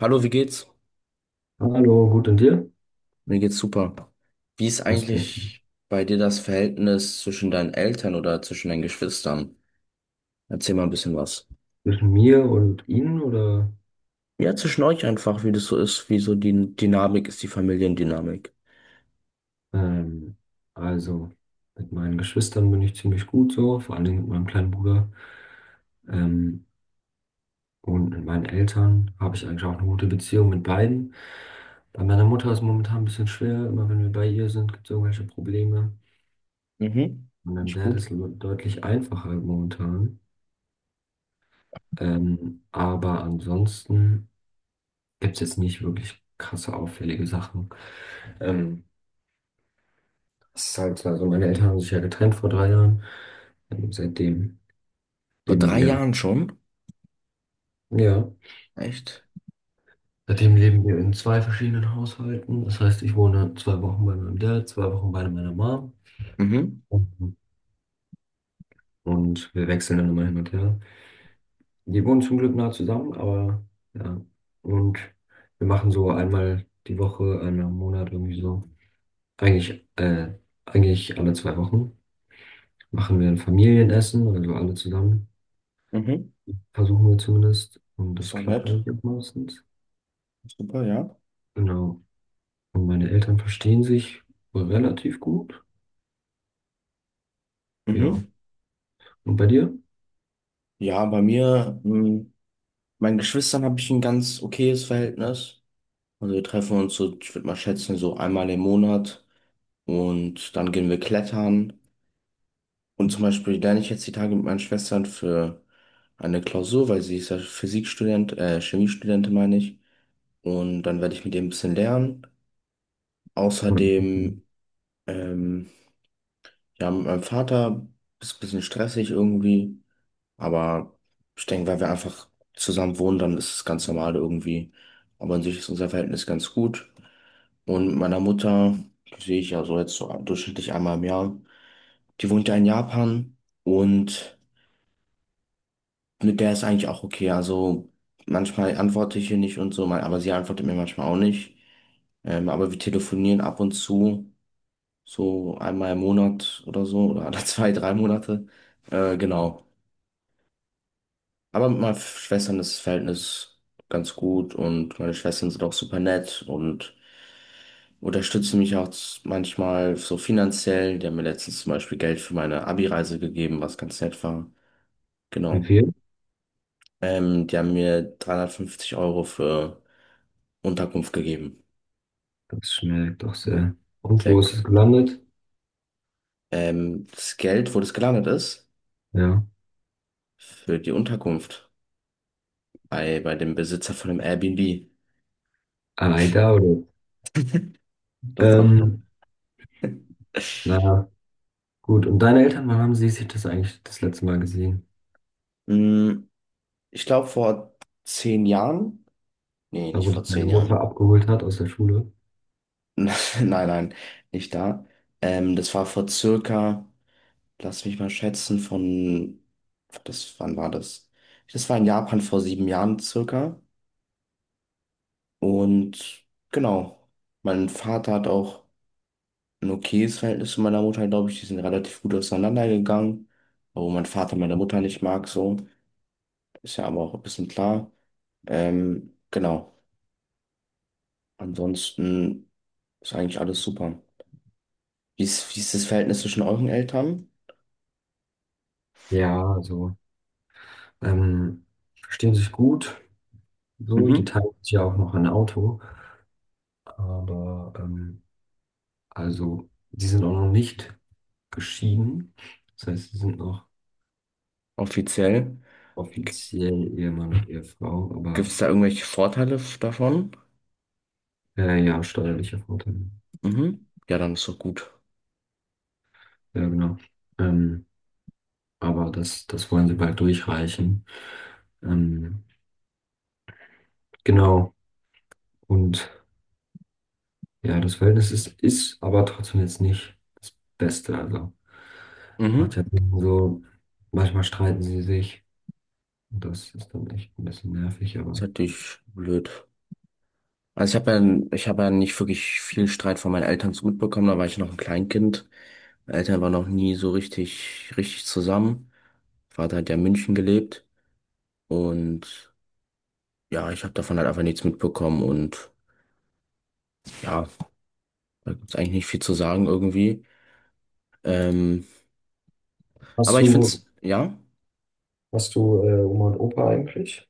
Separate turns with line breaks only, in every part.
Hallo, wie geht's?
Hallo, gut und dir?
Mir geht's super. Wie ist
Das auch.
eigentlich bei dir das Verhältnis zwischen deinen Eltern oder zwischen deinen Geschwistern? Erzähl mal ein bisschen was.
Zwischen mir und Ihnen oder?
Ja, zwischen euch einfach, wie das so ist, wie so die Dynamik ist, die Familiendynamik.
Ähm, also mit meinen Geschwistern bin ich ziemlich gut so, vor allen Dingen mit meinem kleinen Bruder. Ähm, und mit meinen Eltern habe ich eigentlich auch eine gute Beziehung mit beiden. Bei meiner Mutter ist es momentan ein bisschen schwer, immer wenn wir bei ihr sind, gibt es irgendwelche Probleme.
Mhm.
Mit meinem
Nicht
Dad
gut.
ist es deutlich einfacher momentan. Aber ansonsten gibt es jetzt nicht wirklich krasse auffällige Sachen. Ähm, Das ist halt, also meine Eltern haben sich ja getrennt vor drei Jahren. Und
Vor
leben
drei
wir,
Jahren schon?
ja,
Echt?
seitdem leben wir in zwei verschiedenen Haushalten. Das heißt, ich wohne zwei Wochen bei meinem Dad, zwei Wochen bei meiner Mom.
Mhm.
Und und wir wechseln dann immer hin und her. Die wohnen zum Glück nah zusammen, aber ja. Und wir machen so einmal die Woche, einmal im Monat irgendwie so. Eigentlich, äh, eigentlich alle zwei Wochen machen wir ein Familienessen, also alle zusammen.
Mhm.
Versuchen wir zumindest. Und
Ist
das
doch
klappt
nett.
eigentlich auch meistens.
Super, ja.
Genau. Und meine Eltern verstehen sich relativ gut. Ja.
Mhm.
Und bei dir?
Ja, bei mir, meinen Geschwistern habe ich ein ganz okayes Verhältnis. Also wir treffen uns so, ich würde mal schätzen, so einmal im Monat. Und dann gehen wir klettern. Und zum Beispiel lerne ich jetzt die Tage mit meinen Schwestern für eine Klausur, weil sie ist ja Physikstudent, Chemiestudentin meine ich. Und dann werde ich mit ihr ein bisschen lernen. Außerdem, ähm, ja, mit meinem Vater ist ein bisschen stressig irgendwie. Aber ich denke, weil wir einfach zusammen wohnen, dann ist es ganz normal irgendwie. Aber an sich ist unser Verhältnis ganz gut. Und mit meiner Mutter sehe ich ja so jetzt so durchschnittlich einmal im Jahr. Die wohnt ja in Japan und mit der ist eigentlich auch okay. Also manchmal antworte ich ihr nicht und so, aber sie antwortet mir manchmal auch nicht. Aber wir telefonieren ab und zu, so einmal im Monat oder so, oder alle zwei, drei Monate. Genau. Aber mit meinen Schwestern ist das Verhältnis ganz gut und meine Schwestern sind auch super nett und unterstützen mich auch manchmal so finanziell. Die haben mir letztens zum Beispiel Geld für meine Abi-Reise gegeben, was ganz nett war.
Wie
Genau.
viel?
Die haben mir 350€ für Unterkunft gegeben.
Das schmeckt doch sehr. Und
Sehr
wo ist es
gut, ja.
gelandet?
Das Geld, wo das gelandet ist,
Ja.
für die Unterkunft bei dem Besitzer von dem Airbnb.
Ah, da oder?
Das doch.
Ähm, na gut. Und deine Eltern, wann haben sie sich das eigentlich das letzte Mal gesehen?
Hm, ich glaube, vor 10 Jahren. Nee,
Da,
nicht
wo dich
vor
deine
zehn
Mutter
Jahren.
abgeholt hat aus der Schule?
Nein, nein, nicht da. Das war vor circa, lass mich mal schätzen, das, wann war das? Das war in Japan vor 7 Jahren circa. Und genau, mein Vater hat auch ein okayes Verhältnis zu meiner Mutter, glaube ich. Die sind relativ gut auseinandergegangen, obwohl mein Vater meine Mutter nicht mag, so. Ist ja aber auch ein bisschen klar. Genau, ansonsten ist eigentlich alles super. Wie ist das Verhältnis zwischen euren Eltern?
Ja, also, ähm, verstehen sich gut. So, die
Mhm.
teilen sich ja auch noch ein Auto. Aber also sie sind auch noch nicht geschieden. Das heißt, sie sind noch
Offiziell.
offiziell Ehemann und Ehefrau,
Gibt
aber
es da irgendwelche Vorteile davon?
ja, steuerlicher Vorteil.
Mhm. Ja, dann ist doch gut.
Ja, genau. Ähm, aber das wollen sie bald durchreichen. Ähm, genau. Und ja, ist aber trotzdem jetzt nicht das Beste. Also macht
Mhm.
ja so, manchmal streiten sie sich. Und das ist dann echt ein bisschen nervig,
Ist
aber.
natürlich blöd. Also ich habe ja nicht wirklich viel Streit von meinen Eltern so mitbekommen, da war ich noch ein Kleinkind. Meine Eltern waren noch nie so richtig, richtig zusammen. Vater hat ja in München gelebt und ja, ich habe davon halt einfach nichts mitbekommen und ja, da gibt's eigentlich nicht viel zu sagen irgendwie. Ähm, aber
Hast
ich
du,
find's, ja,
hast du Oma und Opa eigentlich?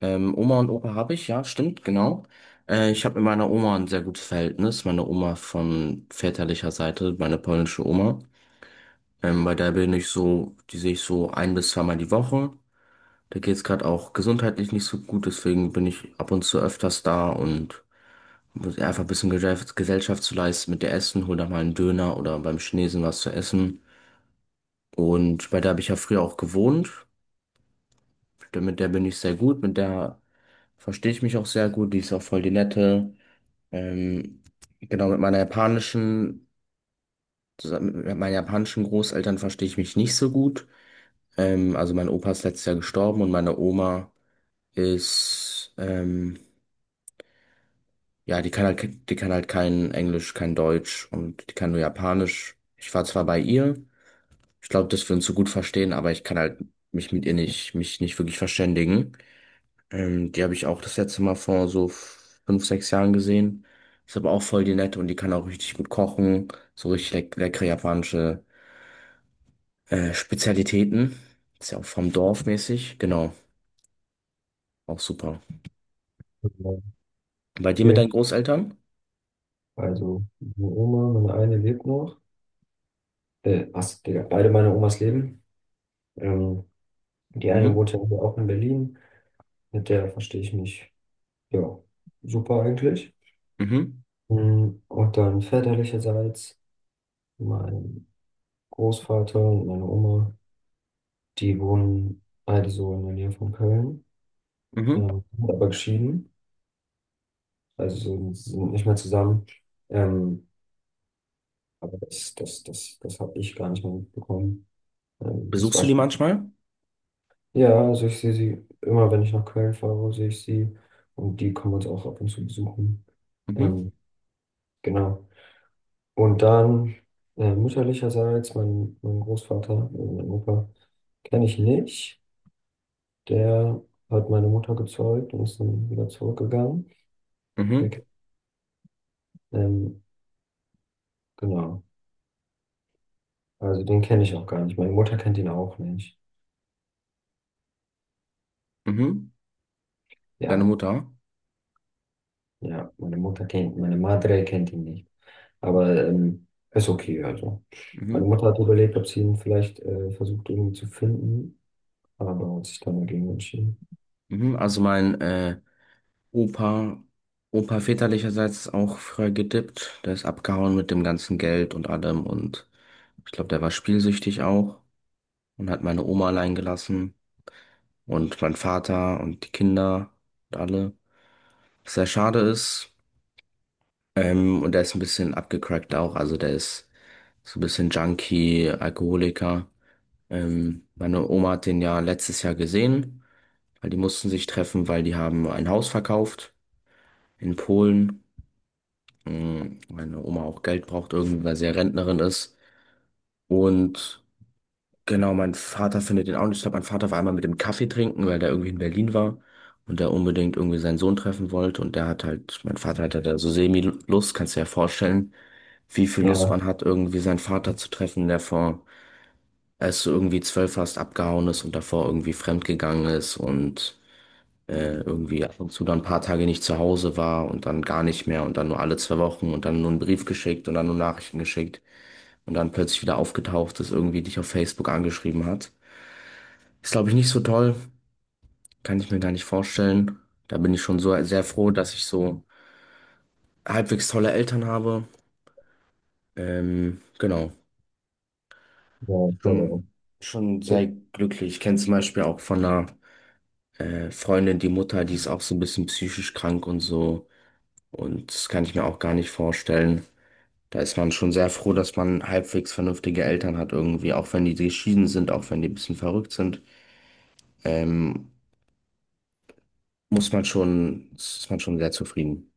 Oma und Opa habe ich, ja, stimmt, genau. Ich habe mit meiner Oma ein sehr gutes Verhältnis, meine Oma von väterlicher Seite, meine polnische Oma. Bei der bin ich so, die sehe ich so ein bis zweimal die Woche. Da geht's gerade auch gesundheitlich nicht so gut, deswegen bin ich ab und zu öfters da und muss einfach ein bisschen Gesellschaft zu leisten mit der Essen, hol da mal einen Döner oder beim Chinesen was zu essen. Und bei der habe ich ja früher auch gewohnt. Mit der bin ich sehr gut, mit der verstehe ich mich auch sehr gut, die ist auch voll die nette. Ähm, genau, zusammen mit meinen japanischen Großeltern verstehe ich mich nicht so gut. Also mein Opa ist letztes Jahr gestorben und meine Oma ist, ja, die kann halt kein Englisch, kein Deutsch und die kann nur Japanisch. Ich war zwar bei ihr, ich glaube, dass wir uns so gut verstehen, aber ich kann halt mich nicht wirklich verständigen. Die habe ich auch das letzte Mal vor so 5, 6 Jahren gesehen. Ist aber auch voll die nette und die kann auch richtig gut kochen, so richtig leckere japanische Spezialitäten. Ist ja auch vom Dorf mäßig, genau, auch super.
Okay.
Bei dir mit deinen Großeltern?
Also meine Oma, meine eine lebt noch. Was, Digga, beide meine Omas leben. Ähm, die eine
Mhm.
wohnt ja hier auch in Berlin. Mit der verstehe ich mich, ja, super eigentlich.
Mhm.
Mm, und dann väterlicherseits mein Großvater und meine Oma, die wohnen beide so in der Nähe von Köln,
Mhm.
sind aber geschieden, also sind nicht mehr zusammen. Ähm, aber das habe ich gar nicht mehr mitbekommen. Das
Besuchst
war
du die
schon.
manchmal?
Ja, also ich sehe sie immer, wenn ich nach Köln fahre, sehe ich sie. Und die kommen uns auch ab und zu besuchen.
Mhm.
Ähm, genau. Und dann mütterlicherseits, mein Großvater, mein Opa, kenne ich nicht. Der hat meine Mutter gezeugt und ist dann wieder zurückgegangen. Der,
Mhm.
ke- ähm, genau. Also den kenne ich auch gar nicht. Meine Mutter kennt ihn auch nicht.
Mhm. Deine
Ja,
Mutter?
ja, meine Madre kennt ihn nicht. Aber
Okay.
ist okay, also. Meine
Mhm.
Mutter hat überlegt, ob sie ihn vielleicht versucht irgendwie zu finden, aber hat sich dann dagegen entschieden.
Mhm. Also mein Opa, Opa väterlicherseits ist auch früher gedippt. Der ist abgehauen mit dem ganzen Geld und allem und ich glaube, der war spielsüchtig auch und hat meine Oma allein gelassen und mein Vater und die Kinder und alle. Was sehr schade ist. Und der ist ein bisschen abgecrackt auch. Also der ist so ein bisschen Junkie, Alkoholiker. Meine Oma hat den ja letztes Jahr gesehen, weil die mussten sich treffen, weil die haben ein Haus verkauft in Polen. Meine Oma auch Geld braucht, irgendwie, weil sie ja Rentnerin ist. Und genau, mein Vater findet den auch nicht. Ich glaube, mein Vater war einmal mit dem Kaffee trinken, weil der irgendwie in Berlin war und der unbedingt irgendwie seinen Sohn treffen wollte. Und der hat halt, mein Vater hatte da so Semi-Lust, kannst du dir ja vorstellen, wie viel Lust
Ja,
man hat, irgendwie seinen Vater zu treffen, der vor als du irgendwie 12 warst, abgehauen ist und davor irgendwie fremdgegangen ist und irgendwie ab und zu dann ein paar Tage nicht zu Hause war und dann gar nicht mehr und dann nur alle 2 Wochen und dann nur einen Brief geschickt und dann nur Nachrichten geschickt und dann plötzlich wieder aufgetaucht ist, irgendwie dich auf Facebook angeschrieben hat. Ist, glaube ich, nicht so toll. Kann ich mir gar nicht vorstellen. Da bin ich schon so sehr froh, dass ich so halbwegs tolle Eltern habe. Genau.
ja, ich glaube auch.
Schon, schon sehr glücklich. Ich kenne zum Beispiel auch von einer Freundin, die Mutter, die ist auch so ein bisschen psychisch krank und so. Und das kann ich mir auch gar nicht vorstellen. Da ist man schon sehr froh, dass man halbwegs vernünftige Eltern hat irgendwie, auch wenn die geschieden sind, auch wenn die ein bisschen verrückt sind. Ähm, ist man schon sehr zufrieden.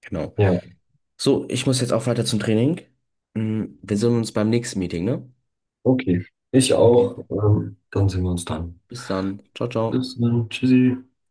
Genau.
Ja,
So, ich muss jetzt auch weiter zum Training. Wir sehen uns beim nächsten Meeting, ne?
okay. Ich
Okay.
auch. Dann sehen wir uns dann.
Bis dann. Ciao, ciao.
Bis dann. Tschüssi.